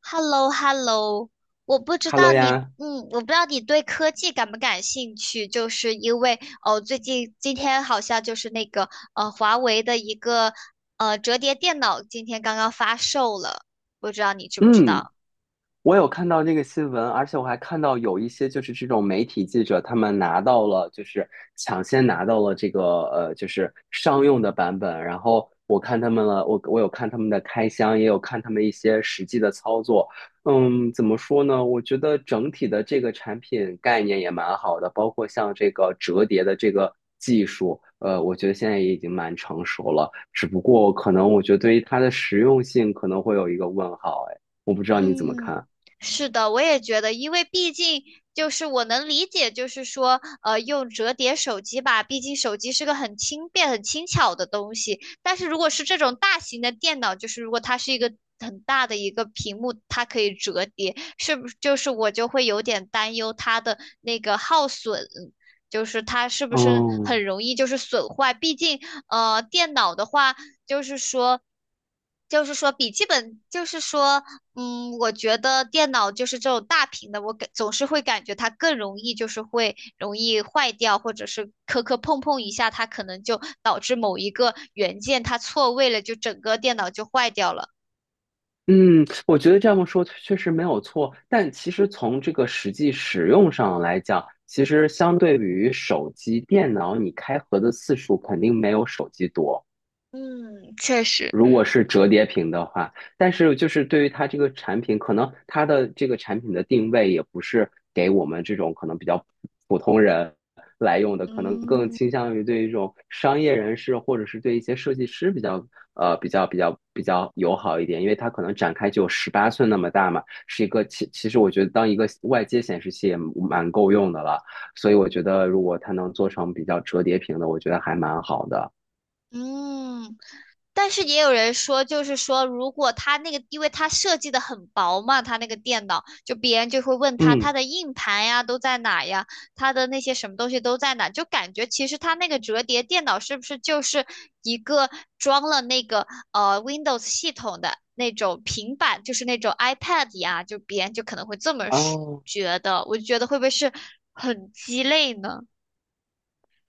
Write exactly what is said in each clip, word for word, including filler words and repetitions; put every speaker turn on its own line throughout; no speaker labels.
h e l l o h e l l o 我不知道
Hello
你，
呀，
嗯，我不知道你对科技感不感兴趣，就是因为哦，最近今天好像就是那个呃，华为的一个呃折叠电脑今天刚刚发售了，不知道你知不知
嗯，
道？
我有看到这个新闻，而且我还看到有一些就是这种媒体记者，他们拿到了就是抢先拿到了这个呃就是商用的版本，然后我看他们了，我我有看他们的开箱，也有看他们一些实际的操作。嗯，怎么说呢？我觉得整体的这个产品概念也蛮好的，包括像这个折叠的这个技术，呃，我觉得现在也已经蛮成熟了，只不过可能我觉得对于它的实用性可能会有一个问号。哎，我不知道你怎么
嗯，
看。
是的，我也觉得，因为毕竟就是我能理解，就是说，呃，用折叠手机吧，毕竟手机是个很轻便、很轻巧的东西。但是如果是这种大型的电脑，就是如果它是一个很大的一个屏幕，它可以折叠，是不是？就是我就会有点担忧它的那个耗损，就是它是不是
哦，
很容易就是损坏？毕竟，呃，电脑的话。就是说，就是说笔记本，就是说，嗯，我觉得电脑就是这种大屏的，我感总是会感觉它更容易，就是会容易坏掉，或者是磕磕碰碰一下，它可能就导致某一个元件它错位了，就整个电脑就坏掉了。
嗯，我觉得这么说确实没有错，但其实从这个实际使用上来讲，其实相对于手机、电脑，你开合的次数肯定没有手机多。
嗯，确实。
如果是折叠屏的话，但是就是对于它这个产品，可能它的这个产品的定位也不是给我们这种可能比较普通人来用的，可能更
嗯
倾向于对一种商业人士或者是对一些设计师比较呃比较比较比较友好一点，因为它可能展开只有十八寸那么大嘛，是一个其其实我觉得当一个外接显示器也蛮够用的了，所以我觉得如果它能做成比较折叠屏的，我觉得还蛮好的。
嗯。但是也有人说，就是说，如果他那个，因为他设计的很薄嘛，他那个电脑，就别人就会问他他
嗯，
的硬盘呀都在哪呀，他的那些什么东西都在哪，就感觉其实他那个折叠电脑是不是就是一个装了那个呃 Windows 系统的那种平板，就是那种 iPad 呀，就别人就可能会这么说
哦
觉得，我就觉得会不会是很鸡肋呢？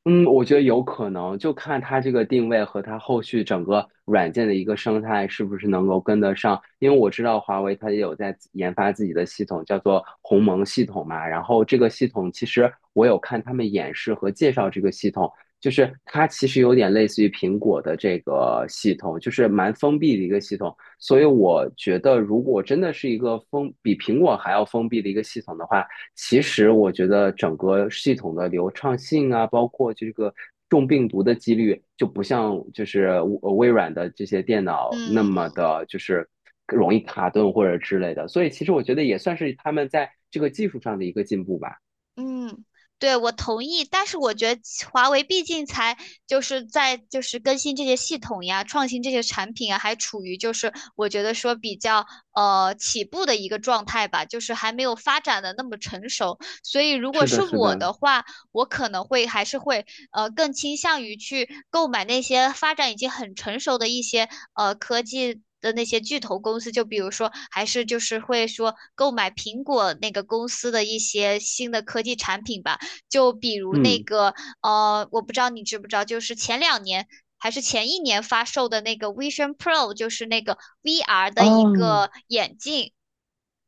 嗯，我觉得有可能，就看它这个定位和它后续整个软件的一个生态是不是能够跟得上。因为我知道华为它也有在自研发自己的系统，叫做鸿蒙系统嘛。然后这个系统其实我有看他们演示和介绍这个系统，就是它其实有点类似于苹果的这个系统，就是蛮封闭的一个系统。所以我觉得，如果真的是一个封比苹果还要封闭的一个系统的话，其实我觉得整个系统的流畅性啊，包括这个中病毒的几率，就不像就是呃微软的这些电脑那么
嗯
的，就是容易卡顿或者之类的。所以其实我觉得也算是他们在这个技术上的一个进步吧。
嗯，对，我同意，但是我觉得华为毕竟才就是在就是更新这些系统呀，创新这些产品啊，还处于就是我觉得说比较呃起步的一个状态吧，就是还没有发展的那么成熟。所以如果
是
是
的，是
我
的，
的话，我可能会还是会呃更倾向于去购买那些发展已经很成熟的一些呃科技。的那些巨头公司，就比如说，还是就是会说购买苹果那个公司的一些新的科技产品吧，就比如那
嗯，
个呃，我不知道你知不知道，就是前两年还是前一年发售的那个 Vision Pro,就是那个 V R 的一
哦，
个眼镜，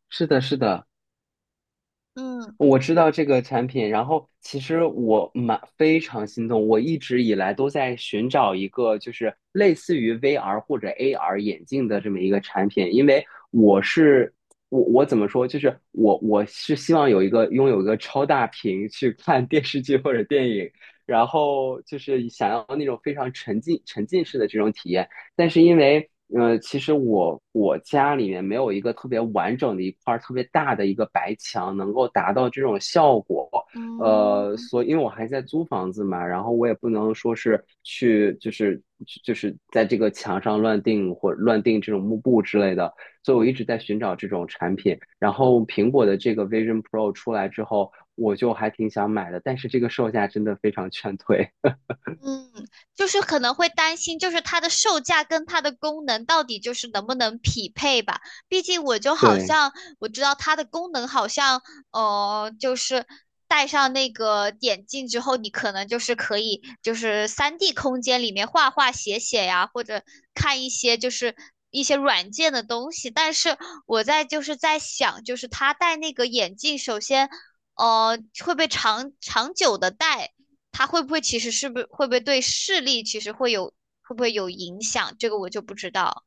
是的，是的。
嗯。
我知道这个产品，然后其实我蛮非常心动，我一直以来都在寻找一个就是类似于 V R 或者 A R 眼镜的这么一个产品，因为我是我我怎么说，就是我我是希望有一个拥有一个超大屏去看电视剧或者电影，然后就是想要那种非常沉浸沉浸式的这种体验。但是因为呃，其实我我家里面没有一个特别完整的一块儿特别大的一个白墙，能够达到这种效果。呃，
嗯，
所以因为我还在租房子嘛，然后我也不能说是去就是就是在这个墙上乱定或乱定这种幕布之类的，所以我一直在寻找这种产品。然后苹果的这个 Vision Pro 出来之后，我就还挺想买的，但是这个售价真的非常劝退。
嗯，就是可能会担心，就是它的售价跟它的功能到底就是能不能匹配吧？毕竟我就 好
对。
像我知道它的功能好像，呃，就是戴上那个眼镜之后，你可能就是可以就是三 d 空间里面画画写写呀，或者看一些就是一些软件的东西。但是我在就是在想，就是他戴那个眼镜，首先，呃，会不会长长久的戴？它会不会其实是不是会不会对视力其实会有会不会有影响？这个我就不知道。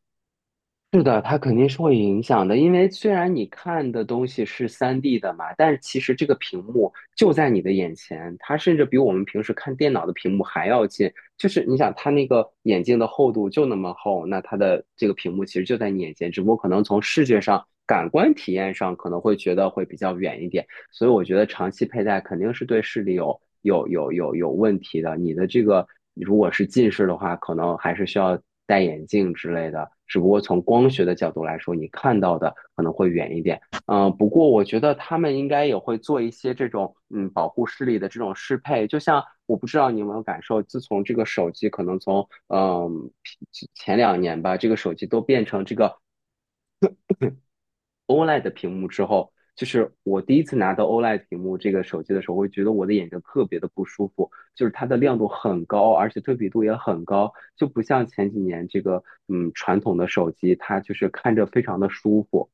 是的，它肯定是会影响的，因为虽然你看的东西是 三 D 的嘛，但是其实这个屏幕就在你的眼前，它甚至比我们平时看电脑的屏幕还要近。就是你想，它那个眼镜的厚度就那么厚，那它的这个屏幕其实就在你眼前，只不过可能从视觉上、感官体验上可能会觉得会比较远一点，所以我觉得长期佩戴肯定是对视力有有有有有问题的。你的这个如果是近视的话，可能还是需要戴眼镜之类的。只不过从光学的角度来说，你看到的可能会远一点。嗯，呃不过我觉得他们应该也会做一些这种嗯保护视力的这种适配，就像我不知道你有没有感受，自从这个手机可能从嗯呃前两年吧，这个手机都变成这个 O L E D 的屏幕之后，就是我第一次拿到 O L E D 屏幕这个手机的时候，我会觉得我的眼睛特别的不舒服，就是它的亮度很高，而且对比度也很高，就不像前几年这个嗯传统的手机，它就是看着非常的舒服。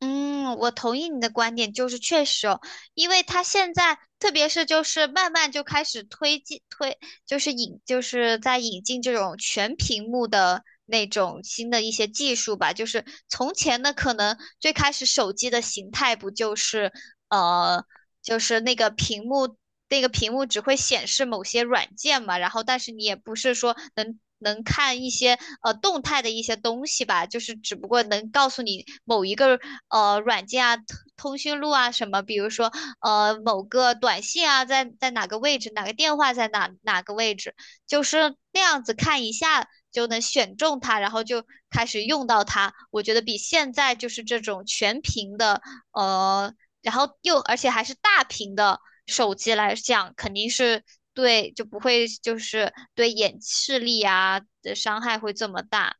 嗯，我同意你的观点，就是确实哦，因为它现在特别是就是慢慢就开始推进推，就是引就是在引进这种全屏幕的那种新的一些技术吧。就是从前呢，可能最开始手机的形态不就是呃就是那个屏幕，那个屏幕只会显示某些软件嘛，然后但是你也不是说能能看一些呃动态的一些东西吧，就是只不过能告诉你某一个呃软件啊、通通讯录啊什么，比如说呃某个短信啊在在哪个位置，哪个电话在哪哪个位置，就是那样子看一下。就能选中它，然后就开始用到它。我觉得比现在就是这种全屏的，呃，然后又而且还是大屏的手机来讲，肯定是对就不会就是对眼视力啊的伤害会这么大。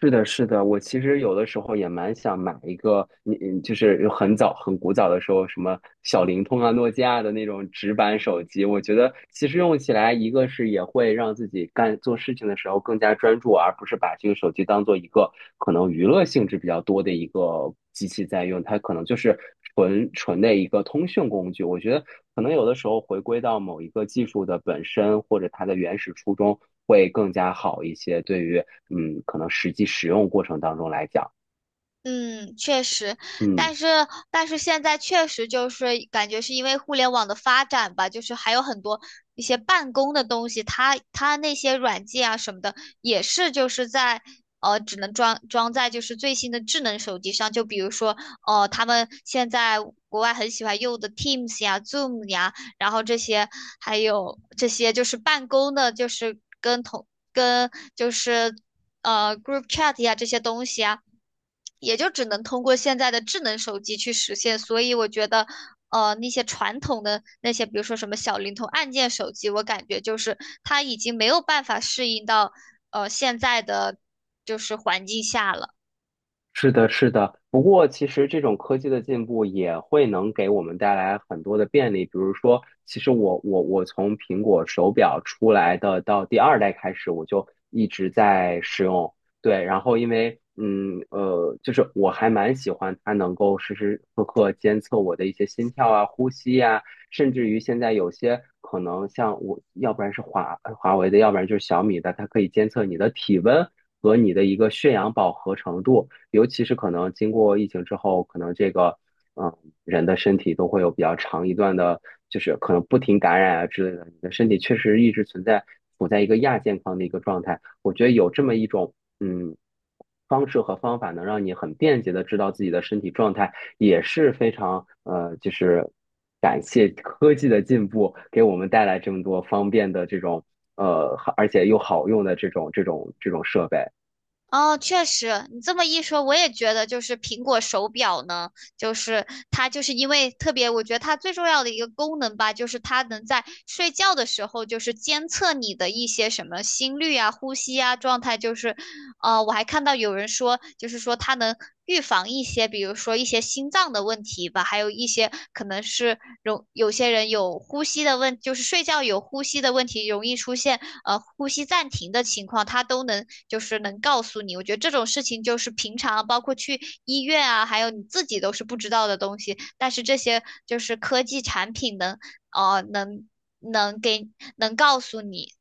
是的，是的，我其实有的时候也蛮想买一个，你你就是有很早很古早的时候，什么小灵通啊、诺基亚的那种直板手机，我觉得其实用起来，一个是也会让自己干做事情的时候更加专注，而不是把这个手机当做一个可能娱乐性质比较多的一个机器在用，它可能就是纯纯的一个通讯工具。我觉得可能有的时候回归到某一个技术的本身或者它的原始初衷会更加好一些，对于嗯可能实际使用过程当中来讲，
嗯，确实，
嗯。
但是但是现在确实就是感觉是因为互联网的发展吧，就是还有很多一些办公的东西，它它那些软件啊什么的，也是就是在呃只能装装在就是最新的智能手机上，就比如说呃他们现在国外很喜欢用的 Teams 呀、Zoom 呀，然后这些还有这些就是办公的，就是跟同跟就是呃 group chat 呀这些东西啊。也就只能通过现在的智能手机去实现。所以我觉得，呃，那些传统的那些，比如说什么小灵通、按键手机，我感觉就是它已经没有办法适应到呃现在的就是环境下了。
是的，是的。不过，其实这种科技的进步也会能给我们带来很多的便利。比如说，其实我我我从苹果手表出来的到第二代开始，我就一直在使用，对，然后因为嗯呃，就是我还蛮喜欢它能够时时刻刻监测我的一些心跳啊、呼吸呀、甚至于现在有些可能像我，要不然是华呃华为的，要不然就是小米的，它可以监测你的体温和你的一个血氧饱和程度，尤其是可能经过疫情之后，可能这个嗯人的身体都会有比较长一段的，就是可能不停感染啊之类的，你的身体确实一直存在处在一个亚健康的一个状态。我觉得有这么一种嗯，方式和方法能让你很便捷的知道自己的身体状态，也是非常呃，就是感谢科技的进步，给我们带来这么多方便的这种呃，而且又好用的这种这种这种设备。
哦，确实，你这么一说，我也觉得就是苹果手表呢，就是它就是因为特别，我觉得它最重要的一个功能吧，就是它能在睡觉的时候就是监测你的一些什么心率啊、呼吸啊状态，就是，呃，我还看到有人说，就是说它能预防一些，比如说一些心脏的问题吧，还有一些可能是容有些人有呼吸的问，就是睡觉有呼吸的问题，容易出现呃呼吸暂停的情况，他都能就是能告诉你。我觉得这种事情就是平常包括去医院啊，还有你自己都是不知道的东西，但是这些就是科技产品能哦能能给能告诉你。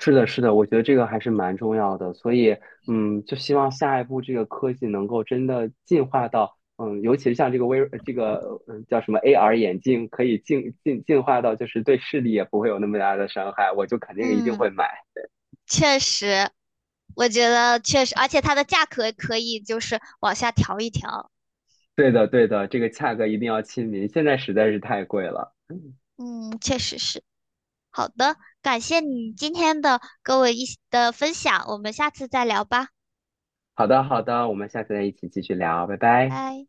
是的，是的，我觉得这个还是蛮重要的，所以嗯，就希望下一步这个科技能够真的进化到。嗯，尤其是像这个微这个嗯叫什么 A R 眼镜，可以进进进化到就是对视力也不会有那么大的伤害，我就肯定一定会
嗯，
买。
确实，我觉得确实，而且它的价格可以就是往下调一调。
对的，对的，这个价格一定要亲民，现在实在是太贵了。
嗯，确实是。好的，感谢你今天的跟我一起的分享，我们下次再聊吧，
好的，好的，我们下次再一起继续聊，拜拜。
拜。